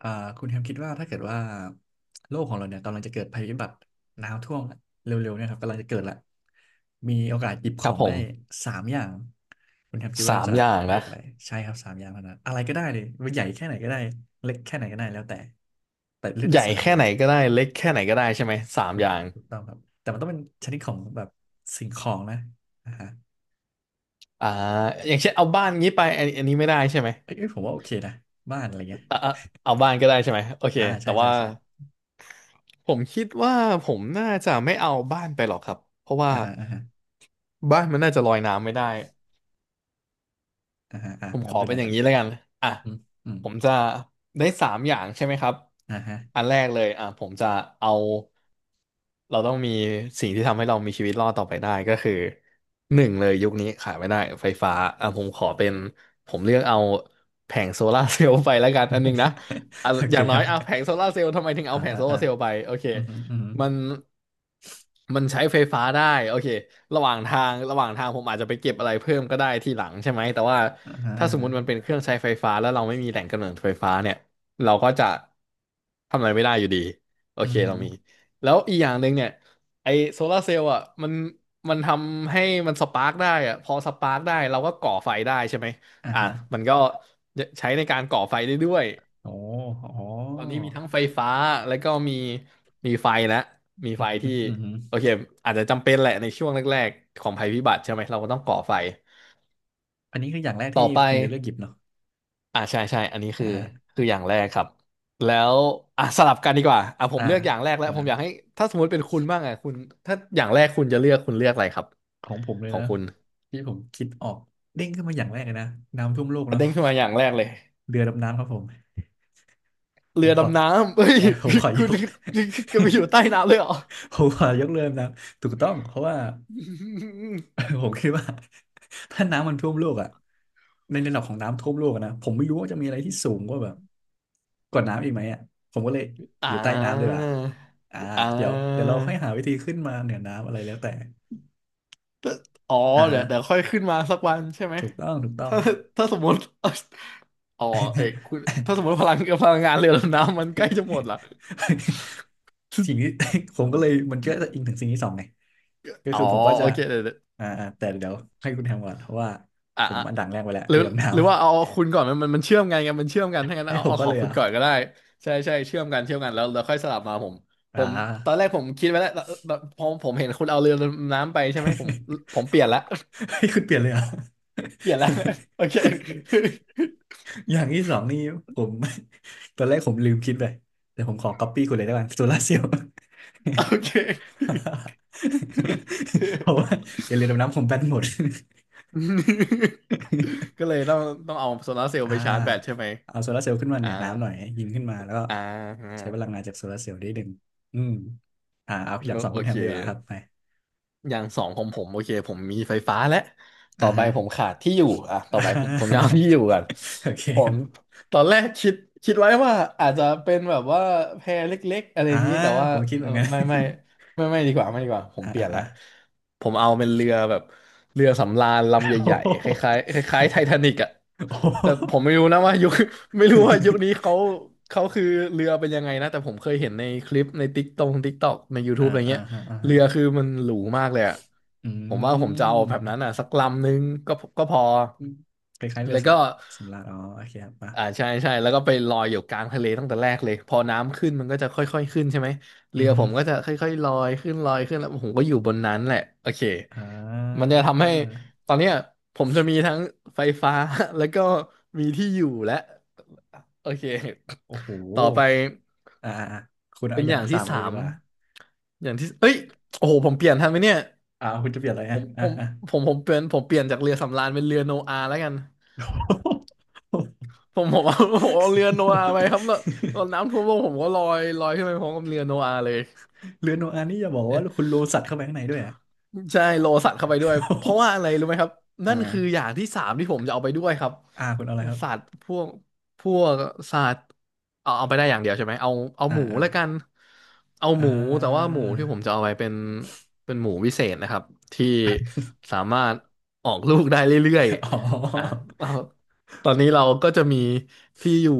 อ่าคุณแฮมคิดว่าถ้าเกิดว่าโลกของเราเนี่ยกำลังจะเกิดภัยพิบัติน้ำท่วมละเร็วๆเนี่ยครับกำลังจะเกิดละมีโอกาสหยิบขครัอบงผได้มสามอย่างคุณแฮมคิดว่าสามจะอย่างเลืนะอกอะไรใช่ครับสามอย่างเท่านั้นอะไรก็ได้เลยใหญ่แค่ไหนก็ได้เล็กแค่ไหนก็ได้แล้วแต่เลือกใหได้ญ่สามแค่อย่าไหนงก็ได้เล็กแค่ไหนก็ได้ใช่ไหมสามถูอกย่างต้องครับแต่มันต้องเป็นชนิดของแบบสิ่งของนะอ่าฮะอ่าอย่างเช่นเอาบ้านงี้ไปอันนี้ไม่ได้ใช่ไหมเอ้ยผมว่าโอเคนะบ้านอะไรเงี้ย อ่าอ่าเอาบ้านก็ได้ใช่ไหมโอเค อ่าใช่แต่ใช่ว่าใช่ผมคิดว่าผมน่าจะไม่เอาบ้านไปหรอกครับเพราะว่าอ่าฮะอ่าฮะบ้านมันน่าจะลอยน้ำไม่ได้ อ่าฮะอ่ะผมขงั้นอไปเลเป็นยอคย่างรับนี้แล้วกันอ่ะอืมอืมผมจะได้สามอย่างใช่ไหมครับอ่าฮะ อันแรกเลยอ่ะผมจะเอาเราต้องมีสิ่งที่ทำให้เรามีชีวิตรอดต่อไปได้ก็คือหนึ่งเลยยุคนี้ขาดไม่ได้ไฟฟ้าอ่ะผมขอเป็นผมเลือกเอาแผงโซลาร์เซลล์ไปแล้วกันอันหนึงนะ อ่ะโออเคย่างคน้อรัยบเอาแผงโซลาร์เซลล์ทำไมถึงเอาอ่าแผงอ่าโซลาอ่าร์เซลล์ไปโอเค อืมอหืมมันมันใช้ไฟฟ้าได้โอเคระหว่างทางระหว่างทางผมอาจจะไปเก็บอะไรเพิ่มก็ได้ทีหลังใช่ไหมแต่ว่าออือหือถ้าอ่าสมมฮะติมันเป็นเครื่องใช้ไฟฟ้าแล้วเราไม่มีแหล่งกำเนิดไฟฟ้าเนี่ยเราก็จะทำอะไรไม่ได้อยู่ดีโออืเคมอหืเราอมีแล้วอีกอย่างหนึ่งเนี่ยไอโซลาร์เซลล์อ่ะมันทำให้มันสปาร์กได้อ่ะพอสปาร์กได้เราก็ก่อไฟได้ใช่ไหมอ่าอ่ะฮะมันก็ใช้ในการก่อไฟได้ด้วย โอ้โอ้ตอนนี้มีทั้งไฟฟ้าแล้วก็มีไฟแล้วมีอืไฟมอหืมที่ออือหือโอเคอาจจะจำเป็นแหละในช่วงแรกๆของภัยพิบัติใช่ไหมเราก็ต้องก่อไฟอันนี้คืออย่างแรกต่อที่ไปคุณจะเลือกหยิบเนาะอ่าใช่ใช่อันนี้อ่าคือฮะคืออย่างแรกครับแล้วอ่ะสลับกันดีกว่าอ่ะผอ่ามเลือกอย่างแรกแล้วผว้ามวอยากให้ถ้าสมมติเป็นคุณบ้างอ่ะคุณถ้าอย่างแรกคุณจะเลือกคุณเลือกอะไรครับของผมเลขยองนะคุณที่ผมคิดออกเด้งขึ้นมาอย่างแรกเลยนะน้ำท่วมโลกอ่ะเนาะเด้งขึ้นมาอย่างแรกเลยเรือดำน้ำครับผมผเรืมอขอดำน้ำเฮ้ย ใช่ผมข อยคุณก ก็ไปอยู่ใต้น้ำ เลยเหรอ ผมขอยกเรือดำน้ำถูกต้องเพราะว่า ผมคิดว่า ถ้าน้ำมันท่วมโลกอ่ะ ในระดับของน้ำท่วมโลกอะนะผมไม่รู้ว่าจะมีอะไรที่สูงกว่าแบบกว่าน้ำอีกไหมอ่ะผมก็เลยอ่าอยู่ใต้น้ำดีกว่าอ่าอ่า เดี๋ยวเดี๋ยวเราค่อยหาวิธีขึ้นมาเหนือน้ำอะไรแล้วแต่แต่อ๋ออ่าเดี๋ฮะยวเดี๋ยวค่อยขึ้นมาสักวันใช่ไหมถูกต้องถูกต้อง ถ้าถ้าสมมติอ๋อเอ้ยคุณถ้าสมมติพลังงานเรือ ดำน้ำมันใกล้จะหมดละ สิ่งที่ ผมก็เลยมัน ก็จะอิงถึงสิ่งที่สองไงก็อ๋อคือผมก็โอจะเคเดี๋ยวเดี๋ยวอ่าอ่าแต่เดี๋ยวให้คุณแฮมก่อนเพราะว่าอ่ะผมอ่ะอันดังแรกไปแล้วหรืเรืออดำน้หรือว่าเอาคุณก่อนมันเชื่อมกันไงมันเชื่อมกันถ้าำงั้นให้เอาผมเอาก็ขอเลงยเหรคุณอ่ะก่อนก็ได้ใช่ใช่เชื่อมกันเชื่อมกันแล้วแล้วค่อยสลับมาผมผอ่า มตอนแรกผมคิดไว้แล้วแบบพอผมเห็นคุณเอาเรือดำน้ำไปใช่ไหมผม ผมเปลี่ยนละ ให้คุณเปลี่ยนเลยเหรอ่ะ เปลี่ยนละ โอเค อย่างที่สองนี่ผม ตอนแรกผมลืมคิดไปแต่ผมขอก๊อปปี้คุณเลยได้ไหมโซลาเซลล์ โอเค เพราะว่าเดี๋ยวเรือดำน้ำผมแบนหมด ก็เลยต้องต้องเอาโซลาร์เซล ล์อ่าไปชาร์จแบตใช่ไหมเอาโซลาร์เซลล์ขึ้นมาเหอ่านือน้ำหน่อยให้ยิงขึ้นมาแล้วก็อ่าใช้พลังงานจากโซลาร์เซลล์ได้หนึ่งอืมอ่าเอาอย่างสองโอคุณแฮเค มดีกว่าครับไปอย่างสองของผมโอเคผมมีไฟฟ้าและต่อ่าอไปฮะ ผมขาดที่อยู่อ่ะ ต่อ่อไปผมจะาเอาที่อยู่ก่อนโอเคผครัมบตอนแรกคิดไว้ว่าอาจจะเป็นแบบว่าแพรเล็กๆอะไรออ่าย่างนี้แต่ว่าผมคิดเหเอมืออนกัน ไม่ไม่ไม่ไม่ดีกว่าไม่ดีกว่าผ มอ่าเปลี่อ่ายนอ่า ละผมเอาเป็นเรือแบบเรือสำราญลำ ใหโอ้ญ่โหๆคล้ายๆคล้ายๆไททานิกอ่ะโอ้โห แต่ผมไม่รู้นะว่ายุค ไม่รู้ว่ายุคนี้เขาเขาคือเรือเป็นยังไงนะแต่ผมเคยเห็นในคลิปในติ๊กตงติ๊กตอกใน อ่า YouTube อะไรอ่าเงี้ย ฮะอ่าเรืฮะอคือมันหรูมากเลยอะอืผมว่าผมจะเอาแบบนั้มนอ่ะสักลำนึงก็ก็พออืมคล้ายๆเรืแล้อวสก็ำราญอ๋อโอเคครับป่ะอ่าใช่ใช่แล้วก็ไปลอยอยู่กลางทะเลตั้งแต่แรกเลยพอน้ำขึ้นมันก็จะค่อยๆขึ้นใช่ไหมเรือืออฮึผมก็จะค่อยๆลอยขึ้นลอยขึ้นแล้วผมก็อยู่บนนั้นแหละโอเคอ่มันาจะทำให้ตอนเนี้ยผมจะมีทั้งไฟฟ้า แล้วก็มีที่อยู่และโอเคโอ้โหต่อไปอ่าอ่าอ่าคุณเอาเป็นออย่างย่างสาที่มเลยสาดีมกว่าอย่างที่เอ้ยโอ้โหผมเปลี่ยนทันไหมเนี่ย อ่าคุณจะเปลี่ยนอะไรผอ่ะมผอ่ามอ่า ผมเปลี่ยนผมเปลี่ยนจากเรือสำราญเป็นเรือโนอาห์แล้วกันผมเอาผมเอาเรือโนอาห์ไปครับแล้วตอนน้ำท่วมโลกผมก็ลอยลอยขึ้นไปพร้อมกับเรือโนอาห์เลย เรือโนอาห์นี่อย่าบอกว่าคุณโลสัตว์เข้าไปข้างในด้วยอ่ะ ใช่โลสัตว์เข้าไปด้วยเพราะว่าอะไรรู้ไหมครับ อ่านั่นคืออย่างที่สามที่ผมจะเอาไปด้วยครับอ่าคุณเอาอะไรครับสัตว์พวกพวกสัตว์เอาเอาไปได้อย่างเดียวใช่ไหมเอาเอาอ่าหมูอ่าแล้วกันเอาอ่หมูแต่ว่าหา มูที่ผมจะเอาไปเป็นเป็นหมูวิเศษนะครับที่สามารถออกลูกได้เรื่อย อ๋ๆอ่ะ อ เอาตอนนี้เราก็จะมีที่อยู่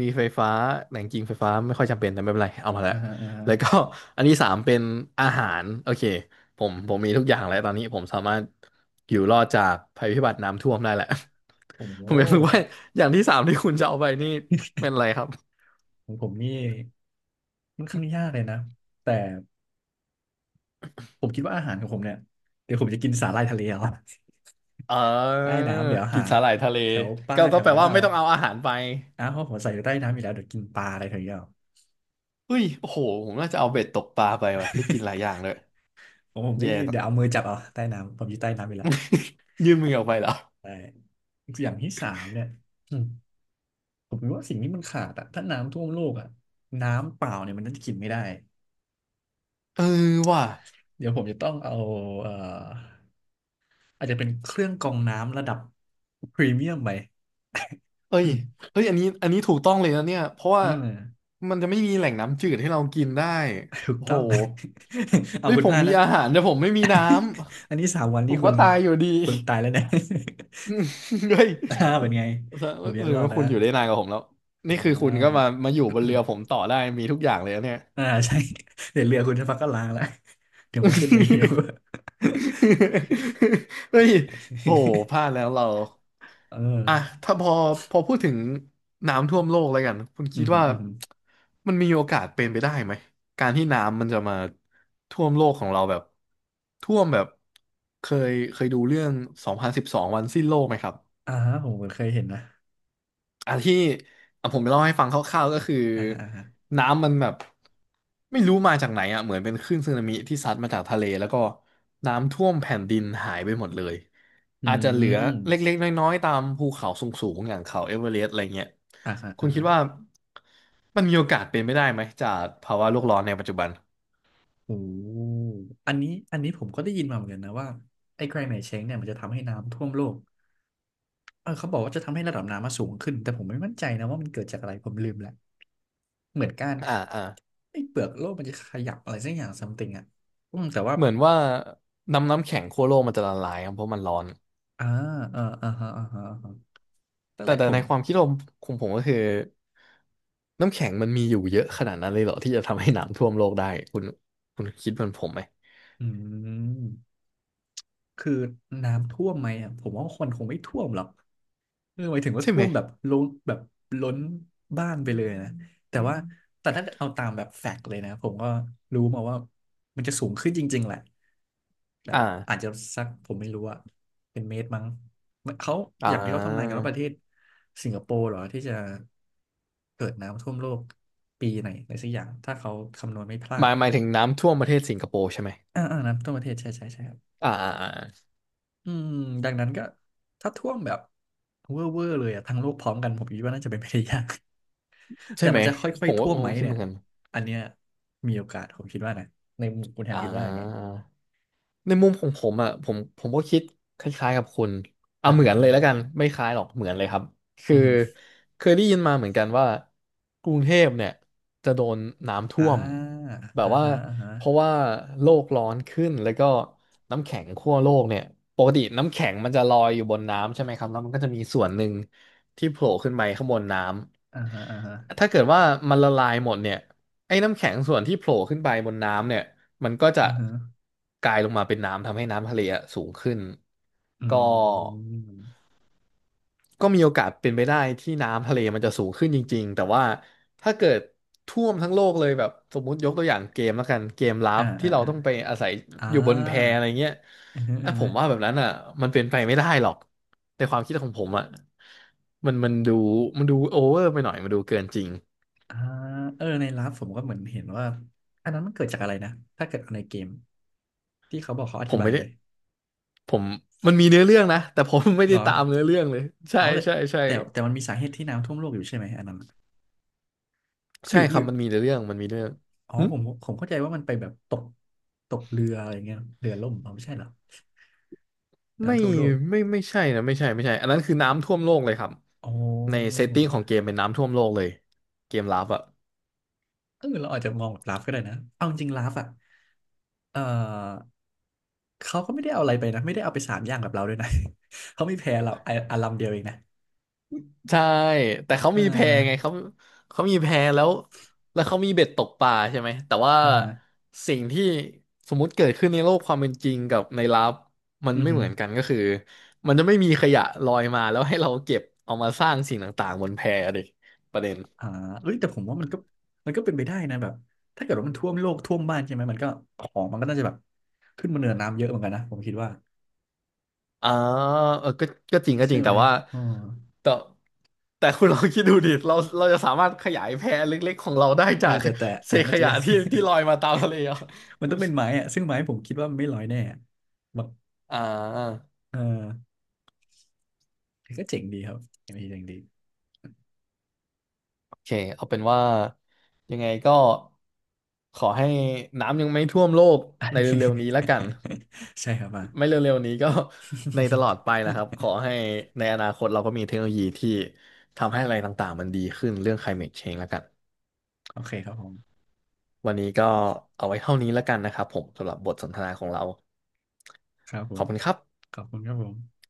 มีไฟฟ้าแหล่งกิงไฟฟ้าไม่ค่อยจำเป็นแต่ไม่เป็นไรเอามาแล้อ่าวอ่าแล้วก็อันที่สามเป็นอาหารโอเค ผมมีทุกอย่างแล้วตอนนี้ผมสามารถอยู่รอดจากภัยพิบัติน้ำท่วมได้แหละ โอ้โห ผมอยากรู้ว่าอย่างที่สามที่คุณจะเอาไปนี่เป็นอะไรครับของผมนี่มันค่อนข้างยากเลยนะแต่ผมคิดว่าอาหารของผมเนี่ยเดี๋ยวผมจะกินสาหร่ายทะเลเอา เ ใต้ออน้ำเดี๋ยวกิหานสาหร่ายทะเลแถวป้าก็แถก็วแปลนั้นว่าเอาไม่ต้องเอาอาหารไปอ้าวเพราะผมใส่อยู่ใต้น้ำอยู่แล้วเดี๋ยวกินปลาอะไรแถวนี้เอา เฮ้ยโอ้โหผมน่าจะเอาเบ็ดตกปลาไปว่ะได้กินหลายอย่า งเลยผมนี่แย่ต่เดี๋ยวเอาอมือจับเอาใต้น้ำผมอยู่ใต้น้ำอยู่แล้วยื่นมือออกไปเหรอใช่อย่างที่สามเนี่ยอืมผมคิดว่าสิ่งที่มันขาดอะถ้าน้ำท่วมโลกอะน้ำเปล่าเนี่ยมันน่าจะกินไม่ได้เออว่ะเดี๋ยวผมจะต้องเอาเอ่ออาจจะเป็นเครื่องกรองน้ำระดับพรีเมียมไป เอ้ย เฮ้ยอันนี้ถูกต้องเลยนะเนี่ยเพราะว่าอืม มันจะไม่มีแหล่งน้ำจืดให้เรากินได้ถูกโอ้ต้โหอง เอาเฮ้ยคุณผพมลาดมีนะ อาหารแต่ผมไม่มีน้ ำ อันนี้สามวันผนี่มคุก็ณตายอยู่ดี คุณตายแล้วเนะ อื มเฮ้ยอ่าเป็นไงผมยัหงรืรออดว่านะคุณอยู่ได้นานกว่าผมแล้วนี่อ่า คือคุณก็มามาอยู่บนเรือ ผมต่อได้มีทุกอย่างเลยนะเนี่ย อ่าใช่ เดี๋ยวเรือคุณสักพักก็ล้างแล้ว เดี๋ยวก็ขึ้นมาอยู่ เฮ้ยโหพลาด แล้วเราเออ่ะอถ้าพอพูดถึงน้ำท่วมโลกแล้วกันคุณอืคิมดว่าอืมมันมีโอกาสเป็นไปได้ไหมการที่น้ำมันจะมาท่วมโลกของเราแบบท่วมแบบเคเคยดูเรื่อง2012วันสิ้นโลกไหมครับ อ่าผมเหอเคยเห็นนะอ่ะที่อ่ะผมเล่าให้ฟังคร่าวๆก็คืออ่าอ่าน้ำมันแบบไม่รู้มาจากไหนอ่ะเหมือนเป็นคลื่นสึนามิที่ซัดมาจากทะเลแล้วก็น้ำท่วมแผ่นดินหายไปหมดเลยอือาจจะเหลือมเล็กๆน้อยๆตามภูเขาสูงๆอย่างเขาเอเวอเรสต์อะไรเงี้ยอ่าอ่าคุณคิดว่าอ่าะมันมีโอกาสเป็นไม่ได้ไหมจากภาวะโลกร้อนในปัจจุบันโอ้อันนี้ผมก็ได้ยินมาเหมือนกันนะว่าไอ้แกรนด์ไหนเช้งเนี่ยมันจะทำให้น้ำท่วมโลก เออเขาบอกว่าจะทำให้ระดับน้ำมาสูงขึ้นแต่ผมไม่มั่นใจนะว่ามันเกิดจากอะไรผมลืมแล้วเหมือนการอ่าอ่าไอ้เปลือกโลกมันจะขยับอะไรสักอย่าง something อ่ะอืมแต่ว่าเหมือนว่าน้ำแข็งขั้วโลกมันจะละลายครับเพราะมันร้อน อ่าอ่าอ่าฮะอ่าฮะอ่าฮะนั่นแต่แหละแต่ผในมความคิดผมของผมก็คือน้ำแข็งมันมีอยู่เยอะขนาดนั้นเลยเหรอที่จะทำให้น้ำท่วมโลกได้คุณคุณคิดเหมือนผมไหมอืม คือน้ำท่วมไหมอ่ะผมว่าคนคงไม่ท่วมหรอกเออหมายถึงว่าใช่ท่ไหมวมแบบล้นแบบล้นบ้านไปเลยนะแต่ว่าถ้าเอาตามแบบแฟกต์เลยนะผมก็รู้มาว่ามันจะสูงขึ้นจริงๆแหละแบบอ่าอาจจะสักผมไม่รู้อะเป็นเมตรมั้งเขาอ่อย่างที่เขาทำนายกันาว่าประเทศสิงคโปร์เหรอที่จะเกิดน้ำท่วมโลกปีไหนอะไรสักอย่างถ้าเขาคำนวณไม่พลาหดมายหมายถึงน้ำท่วมประเทศสิงคโปร์ใช่ไหมอ่าอ่าน้ำท่วมประเทศใช่ใช่ใช่ครับ อ่าอ่าอ่าอืมดังนั้นก็ถ้าท่วมแบบเวอร์เลยอะทั้งโลกพร้อมกันผมคิดว่าน่าจะเป็นไปได้ยาก แต่ใช่ไหมมันจะค่อผยมๆว่าท่วมผไหมมคิดเหเนี่มืยอนกันอันเนี้ยมีโอกาสผมคิดว่านะในมุมคุณแฮมอ่า คิดว่าไงในมุมของผมอ่ะผมก็คิดคล้ายๆกับคุณเอาอ่าเหมืฮะอนเลอ่ายแล้ฮะวกันไม่คล้ายหรอกเหมือนเลยครับคือืออฮึเคยได้ยินมาเหมือนกันว่ากรุงเทพเนี่ยจะโดนน้ำอท่วม่าแบอ่าฮะบอ่าว่าฮะเพราะว่าโลกร้อนขึ้นแล้วก็น้ำแข็งขั้วโลกเนี่ยปกติน้ำแข็งมันจะลอยอยู่บนน้ำใช่ไหมครับแล้วมันก็จะมีส่วนหนึ่งที่โผล่ขึ้นไปข้างบนน้อ่าฮะอ่าฮะำถ้าเกิดว่ามันละลายหมดเนี่ยไอ้น้ำแข็งส่วนที่โผล่ขึ้นไปบนน้ำเนี่ย มันก็จะอือฮึกลายลงมาเป็นน้ำทำให้น้ำทะเลอะสูงขึ้นอืก็มก็มีโอกาสเป็นไปได้ที่น้ำทะเลมันจะสูงขึ้นจริงๆแต่ว่าถ้าเกิดท่วมทั้งโลกเลยแบบสมมุติยกตัวอย่างเกมแล้วกันเกมลัอ่าบที่อ่าเราอ่าต้องไปอาศัยอ่าอยู่บนแพอะไรเงี้ยอือฮึอือ่ะอผฮึมว่าแบบนั้นอ่ะมันเป็นไปไม่ได้หรอกในความคิดของผมอ่ะมันมันดูมันดูโอเวอร์ไปหน่อยมันดูเกินจริงอ่าเออในลับผมก็เหมือนเห็นว่าอันนั้นมันเกิดจากอะไรนะถ้าเกิดเอาในเกมที่เขาบอกเขาอผธิมบายไม่ได้ไหมผมมันมีเนื้อเรื่องนะแต่ผมไม่เหได้รอ ตามเนื้อเรื่องเลยใช่อ๋อแต่ใช่ใช่ แต่มันมีสาเหตุที่น้ำท่วมโลกอยู่ใช่ไหมอันนั้นอะหใช่รือครับมันมีเรื่องอ๋อหึผมเข้าใจว่ามันไปแบบตกเรืออะไรเงี้ยเรือล่มอ๋อไม่ใช่เหรอไม่น้ำท่วมโลกไม่ไม่ใช่นะไม่ใช่ไม่ใช่อันนั้นคือน้ำท่วมโลกเลยครับอ๋อในเซตติ้งของเกมเป็นน้ำท่วมโลกเลยเกมลับอ่ะเออเราอาจจะมองแบบลาฟก็ได้นะเอาจริงลาฟอ่ะเออเขาก็ไม่ได้เอาอะไรไปนะไม่ได้เอาไปสามอย่างกับเราด้วยนะ เขามีแพ้เราอะอันลำเดียวเองนะใช่แต่เขาเอมีแพไงอเขามีแพแล้วแล้วเขามีเบ็ดตกปลาใช่ไหมแต่ว่าอ่าฮะสิ่งที่สมมุติเกิดขึ้นในโลกความเป็นจริงกับในลับมันอือไม่ฮึเหมือนกันก็คือมันจะไม่มีขยะลอยมาแล้วให้เราเก็บเอามาสร้างสิ่งต่างๆบนแพดิประเด็นอ่าเอ้ยแต่ผมว่ามันก็มันก็เป็นไปได้นะแบบถ้าเกิดว่ามันท่วมโลกท่วมบ้านใช่ไหมมันก็ของมันก็น่าจะแบบขึ้นมาเหนือน้ำเยอะเหมือนกันนะผมคิดว่า อ่าเออก็จริงก็จใช่ริงไหแต่มว่า อ๋อแต่แต่คุณลองคิดดูดิเราจะสามารถขยายแพเล็กๆของเราได้เออจาก แต่อัเศนนั้ษนขน่าจะยะยาก ที่ลอยมาตามทะเลเหรอ มันต้องเป็นไม้อะซึ่งไม้ผมคิดว่ามันไม่ลอยแน่อะแบบอ่าเออก็เจ๋งดีครับ เจ๋งดีโอเคเอาเป็นว่ายังไงก็ขอให้น้ำยังไม่ท่วมโลกในเร็วๆนี้แล้วกัน ใช่ครับอ่ะ ไม่เร็วๆนี้ก็ ในตลอดไปนะครับขอ ให้ในอนาคตเราก็มีเทคโนโลยีที่ทำให้อะไรต่างๆมันดีขึ้นเรื่อง climate change แล้วกันโอเคครับผมวันนี้ก็เอาไว้เท่านี้แล้วกันนะครับผมสำหรับบทสนทนาของเราครับผขอม บคุณครับขอบคุณครับผม